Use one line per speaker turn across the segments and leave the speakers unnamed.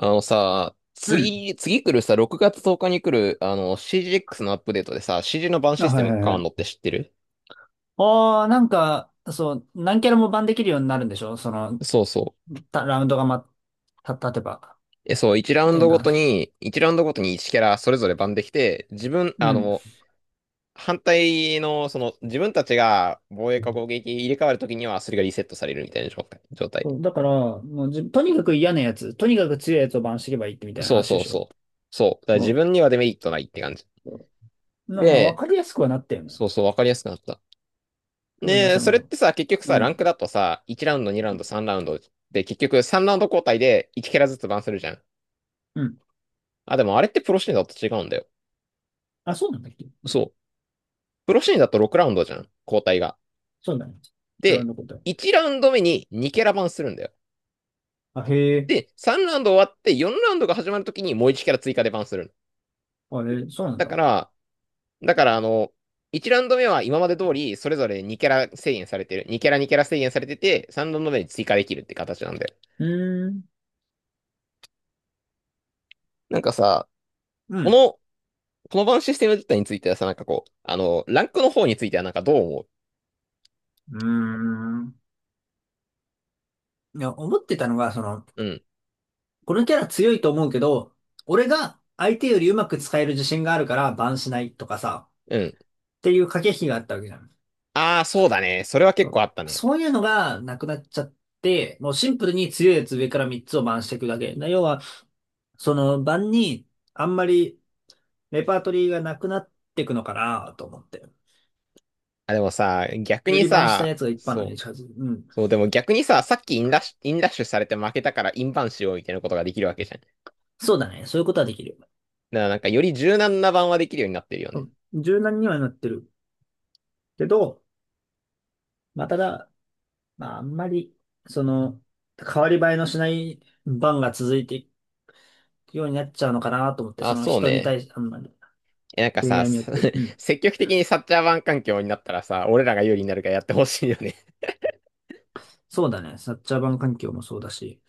あのさ、
うん。
次、次来るさ、6月10日に来るCGX のアップデートでさ、CG のバン
あ、
システ
はい
ムが
はい
変
は
わるのっ
い。
て知ってる？
ああ、なんか、そう、何キャラもバンできるようになるんでしょ、その、
そうそう。
たラウンドがま、た、立てば。
そう、
みたいな話。
1ラウンドごとに1キャラそれぞれバンできて、自分、
う
あ
ん。
の、反対の、自分たちが防衛か攻撃入れ替わるときには、それがリセットされるみたいな状態。
そうだから、もうじ、とにかく嫌なやつ、とにかく強いやつをバンしていけばいいってみたいな
そう
話で
そう
しょ。
そう。そう。だから自
そ
分にはデメリットないって感じ。
う。まあ、わ
で、
かりやすくはなったよね。
そうそう、わかりやすくなった。
ただまあ、
ね
そ
それっ
の、
てさ、結局
う
さ、ランク
ん。
だとさ、1ラウンド、2ラウンド、3ラウンドで、結局3ラウンド交代で1キャラずつバンするじゃん。
うん。
あ、でもあれってプロシーンだと違うんだよ。
あ、そうなんだっけ。
そう。プロシーンだと6ラウンドじゃん、交代が。
そうだね。ブラウン
で、
ドこと。
1ラウンド目に2キャラバンするんだよ。
あ、へえ。
で、3ラウンド終わって4ラウンドが始まるときにもう1キャラ追加でバンする
あれ、そうなん
だ
だ。
か
う
ら、だから1ラウンド目は今まで通りそれぞれ2キャラ制限されてる。2キャラ制限されてて、3ラウンド目に追加できるって形なんだよ。
ーん。
なんかさ、
う
こ
ん。
のこの場のシステム自体についてはさ、ランクの方についてはなんかどう思う？
うーん。いや、思ってたのが、その、
うん、
このキャラ強いと思うけど、俺が相手よりうまく使える自信があるからバンしないとかさ、
うん。
っていう駆け引きがあったわけじゃん。
ああ、そうだね。それは
そ
結構
う、
あったね。
そういうのがなくなっちゃって、もうシンプルに強いやつ上から3つをバンしていくだけ。要は、そのバンにあんまりレパートリーがなくなっていくのかなと思って。
あ、でもさ、逆
よ
に
りバンした
さ、
やつが一般の
そ
に
う。
近づく。うん。
そう、でも逆にさ、さっきインラッシュされて負けたからインバンしようみたいなことができるわけじゃん。だか
そうだね。そういうことはできる。
らなんかより柔軟な版はできるようになってるよ
う
ね。
ん、柔軟にはなってるけど、まあ、ただ、まあ、あんまり、その、変わり映えのしない番が続いていくようになっちゃうのかなと思って、そ
あ、
の
そう
人に
ね。
対して、あんまり、
え、なんか
プレイ
さ、
ヤーによ
す
って。う ん。
積極的にサッチャー湾環境になったらさ、俺らが有利になるからやってほしいよね。
そうだね。サッチャーバン環境もそうだし。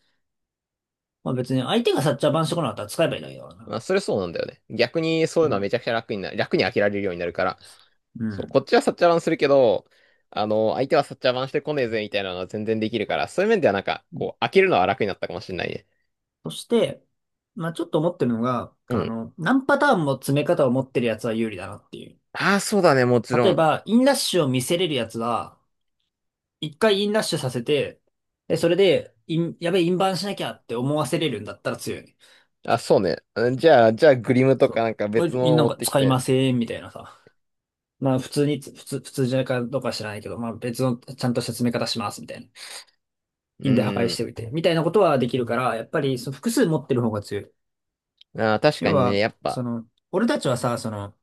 まあ別に相手がサッチャーバンしてこなかったら使えばいいんだけど
ま
な。
あ、それそうなんだよね。逆にそうい
う
うのはめ
ん。
ちゃくちゃ楽になる、楽に飽きられるようになるから。
う
そう、
ん。
こっちはサッチャー湾するけど、相手はサッチャー湾してこねえぜみたいなのは全然できるから、そういう面ではなんか、こう、飽きるのは楽になったかもしれないね。
そして、まあちょっと思ってるのが、
う
あ
ん。
の、何パターンも詰め方を持ってるやつは有利だなっていう。
ああ、そうだね、もちろ
例え
ん。
ば、インラッシュを見せれるやつは、一回インラッシュさせて、で、それで、やべえ、インバウンドしなきゃって思わせれるんだったら強いね。
あ、そうね。うんじゃあ、じゃあ、グリムと
そ
かな
う。
んか
こ
別の
れ
を
な
持
ん
っ
か
てき
使い
て。
ません、みたいなさ。まあ普通につ、普通、普通じゃないかどうかは知らないけど、まあ別のちゃんと説明方します、みたいな。
う
印で破壊
ー
し
ん。
ておいて。みたいなことはできるから、やっぱりその複数持ってる方が強い。
あー、確か
要
にね、
は、
やっぱ、
その、俺たちはさ、その、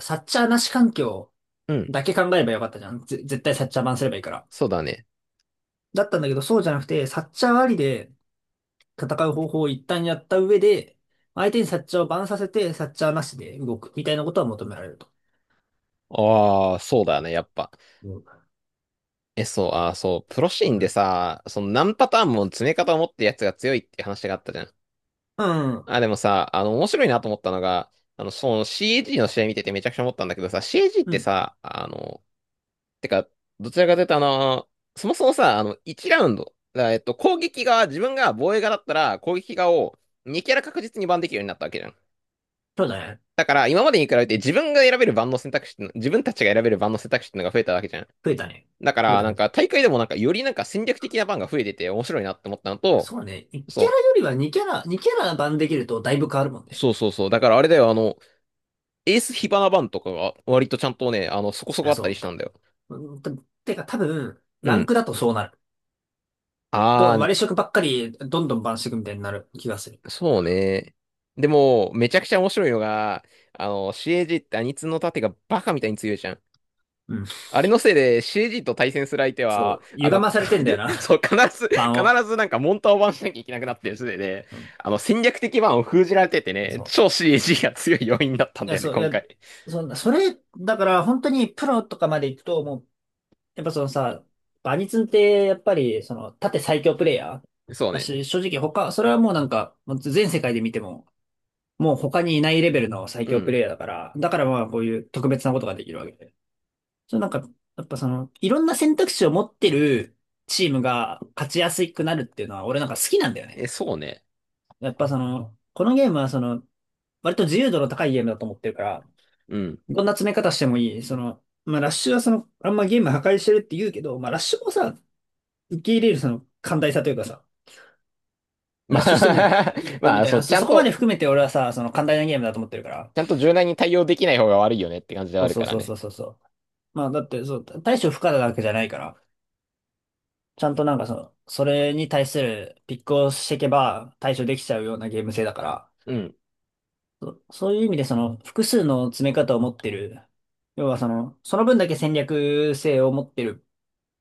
サッチャーなし環境
うん、
だけ考えればよかったじゃん。絶対サッチャー版すればいいから。
そうだね。
だったんだけど、そうじゃなくて、サッチャーありで戦う方法を一旦やった上で、相手にサッチャーをバンさせて、サッチャーなしで動く、みたいなことは求められると。
ああ、そうだね、やっぱ。
うん。
え、そう、あ、そう、プロシーンでさ、その何パターンも詰め方を持ってるやつが強いっていう話があったじゃん。
うん。
あ、でもさ、あの、面白いなと思ったのが、その c g の試合見ててめちゃくちゃ思ったんだけどさ、c g っ
う
て
ん。
さ、あの、てか、どちらかというとそもそもさ、あの、1ラウンド、だからえっと、攻撃側、自分が防衛側だったら、攻撃側を2キャラ確実にバンできるようになったわけじゃん。
そうだね。
だから、今までに比べて自分が選べる番の選択肢っての、自分たちが選べる番の選択肢っていうのが増えたわけじゃん。
増えたね。
だか
増え
ら、
た
な
増
ん
えた。
か大会でもなんかよりなんか戦略的な番が増えてて面白いなって思ったのと、
そうね。1キャラ
そ
よりは2キャラ、2キャラ版できるとだいぶ変わるもん
う、
ね。
そうそうそう。だからあれだよ、あの、エース火花番とかが割とちゃんとね、そこそこ
あ、
あったり
そ
したんだよ。
う。うん。てか多分、
う
ラン
ん。
クだとそうなる。
あー、
割り色ばっかりどんどんバンしていくみたいになる気がする。
そうね。でも、めちゃくちゃ面白いのが、CAG ってアニツの盾がバカみたいに強いじゃん。
うん。
あれのせいで CG と対戦する相手
そ
は、
う。歪まされてんだよな。
そ う、
版を。
必ずなんかモンターをバンしなきゃいけなくなってるせいで、
うん。
戦略的バンを封じられててね、
そ
超 CG が強い要因だったん
う。い
だ
や、
よね、
そう、い
今
や、
回。
そんな、それ、だから本当にプロとかまで行くと、もう、やっぱそのさ、バニツンってやっぱり、その、縦最強プレイヤー
そう
だ
ね。
し、正直他、それはもうなんか、もう全世界で見ても、もう他にいないレベルの最
う
強プ
ん。
レイヤーだから、だからまあこういう特別なことができるわけで。そう、なんか、やっぱその、いろんな選択肢を持ってるチームが勝ちやすくなるっていうのは俺なんか好きなんだよね。
え、そうね。
やっぱその、このゲームはその、割と自由度の高いゲームだと思ってるから、
うん。
どんな詰め方してもいい。その、まあラッシュはその、あんまゲーム破壊してるって言うけど、まあラッシュもさ、受け入れるその寛大さというかさ、
ま
ラッシュしてもいい。
あ
いいで すよ
ま
み
あ、
たい
そ
な、
う、ちゃ
そ
ん
こまで
と、
含めて俺はさ、その寛大なゲームだと思ってるから。
ちゃんと柔軟に対応できない方が悪いよねって感じでは
そ
あ
う
る
そ
か
う
ら
そう
ね。
そうそうそう。まあ、だって、そう、対処不可なわけじゃないから、ちゃんとなんかその、それに対するピックをしていけば対処できちゃうようなゲーム性だから、
うん。
そういう意味でその、複数の詰め方を持ってる、要はその、その分だけ戦略性を持ってる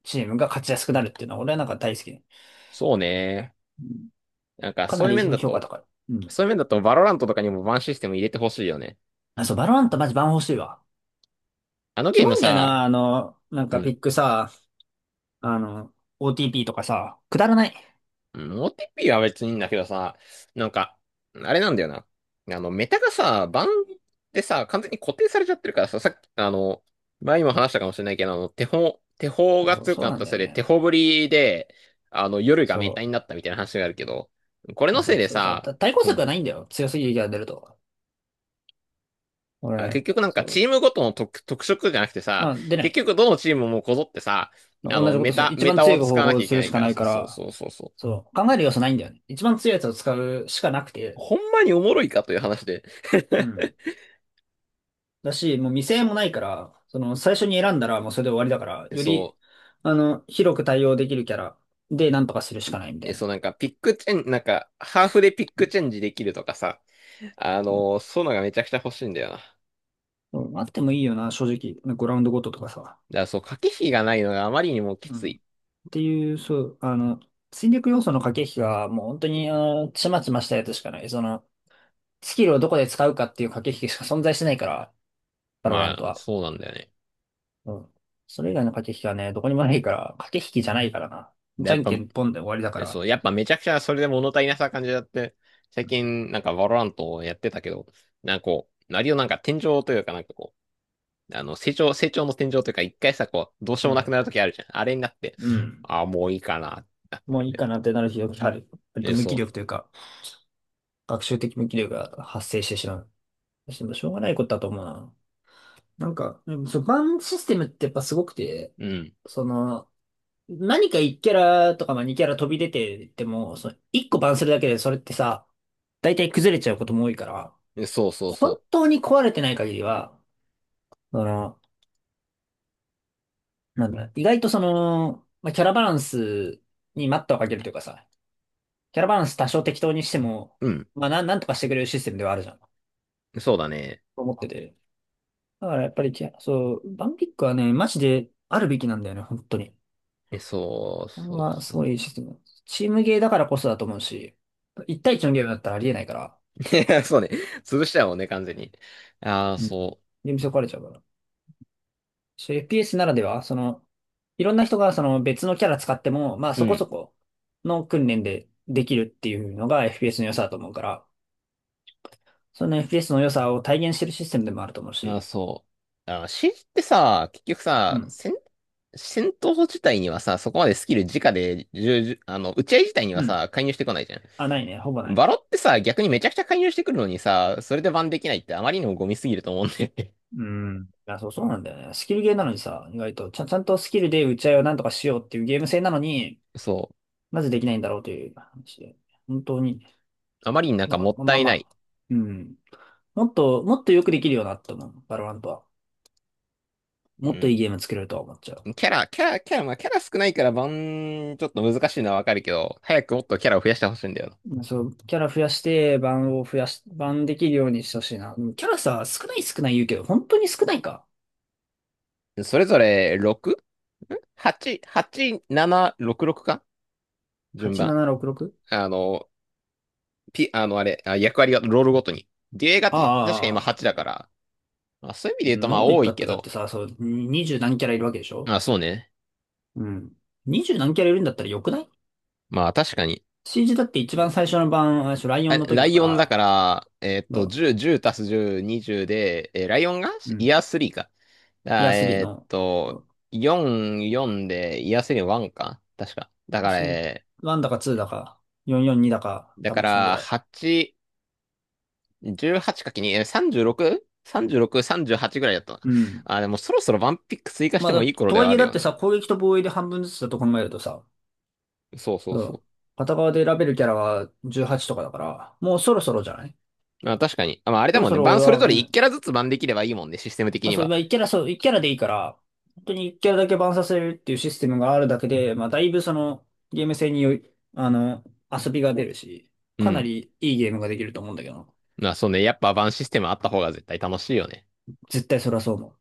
チームが勝ちやすくなるっていうのは、俺はなんか大好き。う
そうね。
ん、
なんか、
か
そ
な
ういう
り
面だ
評価
と、
高い。うん。
そういう面だと、バロラントとかにもバンシステム入れてほしいよね。
あ、そう、バロラントマジバン欲しいわ。
あの
キ
ゲー
モ
ム
いんだよ
さ、
な、あの、なん
う
かピ
ん
ックさ、あの、OTP とかさ、くだらない。
うん OTP は別にいいんだけどさ、なんか、あれなんだよな。あの、メタがさ、バンでさ、完全に固定されちゃってるからさ、さっき、あの、前にも話したかもしれないけど、手法が
そう、
強く
そう
なっ
なん
た
だ
せ
よ
いで、
ね。
手法ぶりで、夜がメタ
そ
に
う。
なったみたいな話があるけど、これ
いや
のせ
そ
い
う、
で
それさ、
さ、
対抗
う
策が
ん。
ないんだよ。強すぎる敵が出ると。
あ、
俺、
結局なんか
そ
チ
う。
ームごとの特、特色じゃなくて
ま
さ、
あ、出な
結
い。
局どのチームもこぞってさ、
同じことする。一
メ
番
タ
強
を
い
使
方
わ
法
なき
を
ゃい
す
け
る
ない
しか
か
な
ら
い
さ、
か
そう
ら、
そうそうそう。
そう。考える要素ないんだよね。一番強いやつを使うしかなくて。
ほんまにおもろいかという話で。
うん。だし、もう未成もないから、その、最初に選んだらもうそれで終わりだから、より、
そう。
あの、広く対応できるキャラでなんとかするしかないみた
で、
い
そ
な。
うなんかピックチェン、なんかハーフでピック
う
チェンジできるとかさ、あ
ん。
のーそういうのがめちゃくちゃ欲しいんだよな。だか
うん、あってもいいよな、正直。ね、グラウンドごととかさ。
らそう、駆け引きがないのがあまりにもき
う
つ
ん。っ
い。
ていう、そう、あの、戦略要素の駆け引きが、もう本当に、あの、ちまちましたやつしかない。その、スキルをどこで使うかっていう駆け引きしか存在してないから、バロラ
ま
ント
あ、
は。
そうなんだよね。
うん。それ以外の駆け引きはね、どこにもないから、駆け引きじゃないからな。
で、
じ
や
ゃ
っ
ん
ぱ、
けんポンで終わりだか
そ
ら。
う、やっぱめちゃくちゃそれで物足りなさ感じだって、最近なんかバロラントをやってたけど、割をなんか天井というかなんかこう、あの、成長、成長の天井というか一回さ、こう、どうしよ
う
うも
ん。
なくなるときあるじゃん。あれになって、
うん、
ああ、もういいかな、ってなって
もう
る
い
ん
い
だよ。
かなってなる日がある。割と
え、
無気
そ
力というか、学習的無気力が発生してしまう。でもしょうがないことだと思うな。なんか、うん、そう、バンシステムってやっぱすごくて、
う。うん。
その、何か1キャラとかまあ2キャラ飛び出てても、その1個バンするだけでそれってさ、大体崩れちゃうことも多いから、
えそうそう
本
そ
当に壊れてない限りは、その、なんだ、意外とその、まあ、キャラバランスに待ったをかけるというかさ、キャラバランス多少適当にしても、
う。うん。
まあなんとかしてくれるシステムではあるじゃん。と
そうだね。
思ってて。だからやっぱりキャラ、そう、バンピックはね、マジであるべきなんだよね、本当に。
え、そう、
これ
そう、
は
そ
すご
う。
いいいシステム。チームゲーだからこそだと思うし、1対1のゲームだったらありえないから、
いや、そうね。潰しちゃうもんね、完全に。ああ、
うん、
そ
で、見損壊れちゃうから。そう、 FPS ならでは、その、いろんな人がその別のキャラ使っても、まあ
う。う
そこ
ん。
そこの訓練でできるっていうのが FPS の良さだと思うから、その FPS の良さを体現してるシステムでもあると思う
ああ、
し。
そう。ああ、シージーってさ、結局
う
さ、
ん。
戦、戦闘自体にはさ、そこまでスキル直で、じゅうじゅあの、打ち合い自体には
うん。
さ、介入してこないじゃ
あ、ないね。ほぼ
ん。
ない
バロ
ね。
ってさ、逆にめちゃくちゃ介入してくるのにさ、それでバンできないってあまりにもゴミすぎると思うんだよね。
うん。いや、そう、そうなんだよね。スキルゲーなのにさ、意外と、ちゃんとスキルで打ち合いをなんとかしようっていうゲーム性なのに、
そ
なぜできないんだろうという話で。本当に、
う。あまりになん
な
かも
ん
っ
か、
た
まあ
いな
ま
い。
あ、うん。もっと、もっとよくできるよなって思う、バロラントは。
う
もっと
ん。
いいゲーム作れるとは思っちゃう。
キャラ少ないからバン、ちょっと難しいのはわかるけど、早くもっとキャラを増やしてほしいんだよな。
そう、キャラ増やして、版を増やし、版できるようにしてほしいな。でもキャラさ、少ない少ない言うけど、本当に少ないか。
それぞれ 6?8、8、7、6、6か順番。
8766？
あの、ピ、あの、あれ、あ、役割がロールごとに。デュエガって確か今
あ
8
あ、あ
だ
あ、
から、まあ、そういう意味で言
そ
う
ん
と
な
ま
こ
あ
と言っ
多
た
い
っ
け
て、だっ
ど、
てさ、そう、20何キャラいるわけでしょ。
まあそうね。
うん。20何キャラいるんだったらよくない？
まあ確かに。
CG だって一番最初の版、あれでしょ、ライオ
あ、
ンの時
ラ
だ
イ
か
オンだか
ら、
ら、えーっと、
ど
10、10足す10、20で、えーライオンが
う、う
イ
ん。
ヤースリーか。
いや、
あ、
3
えーっ
の、う
と、
ん、
4、4でイヤー3の1か。確か。だから、
1
えー
だか2だか、442だか、
だ
多
か
分そんぐ
ら、
らい。
8、1 8 ×にえ 36?36、36 38ぐらいだったな。
うん。
あ、でもそろそろワンピック追加し
まあ、
てもいい頃
と
で
は
は
い
あ
え
る
だっ
よ
て
ね。
さ、攻撃と防衛で半分ずつだと考えるとさ、
そうそう
うん。
そ
片側で選べるキャラは18とかだから、もうそろそろじゃない？
う。まあ、確かに。あ、まあ、あれ
そ
だ
ろ
もん
そ
ね。
ろ
バン
俺
それ
は、
ぞれ
う
1
ん。
キャラずつバンできればいいもんね、システム的
まあ
に
そう、
は。
まあ1キャラ、そう、1キャラでいいから、本当に1キャラだけバンさせるっていうシステムがあるだけで、まあだいぶその、ゲーム性によい、あの、遊びが出るし、
う
かな
ん。
りいいゲームができると思うんだけど、
まあそうね、やっぱバンシステムあった方が絶対楽しいよね。
絶対それはそう思う。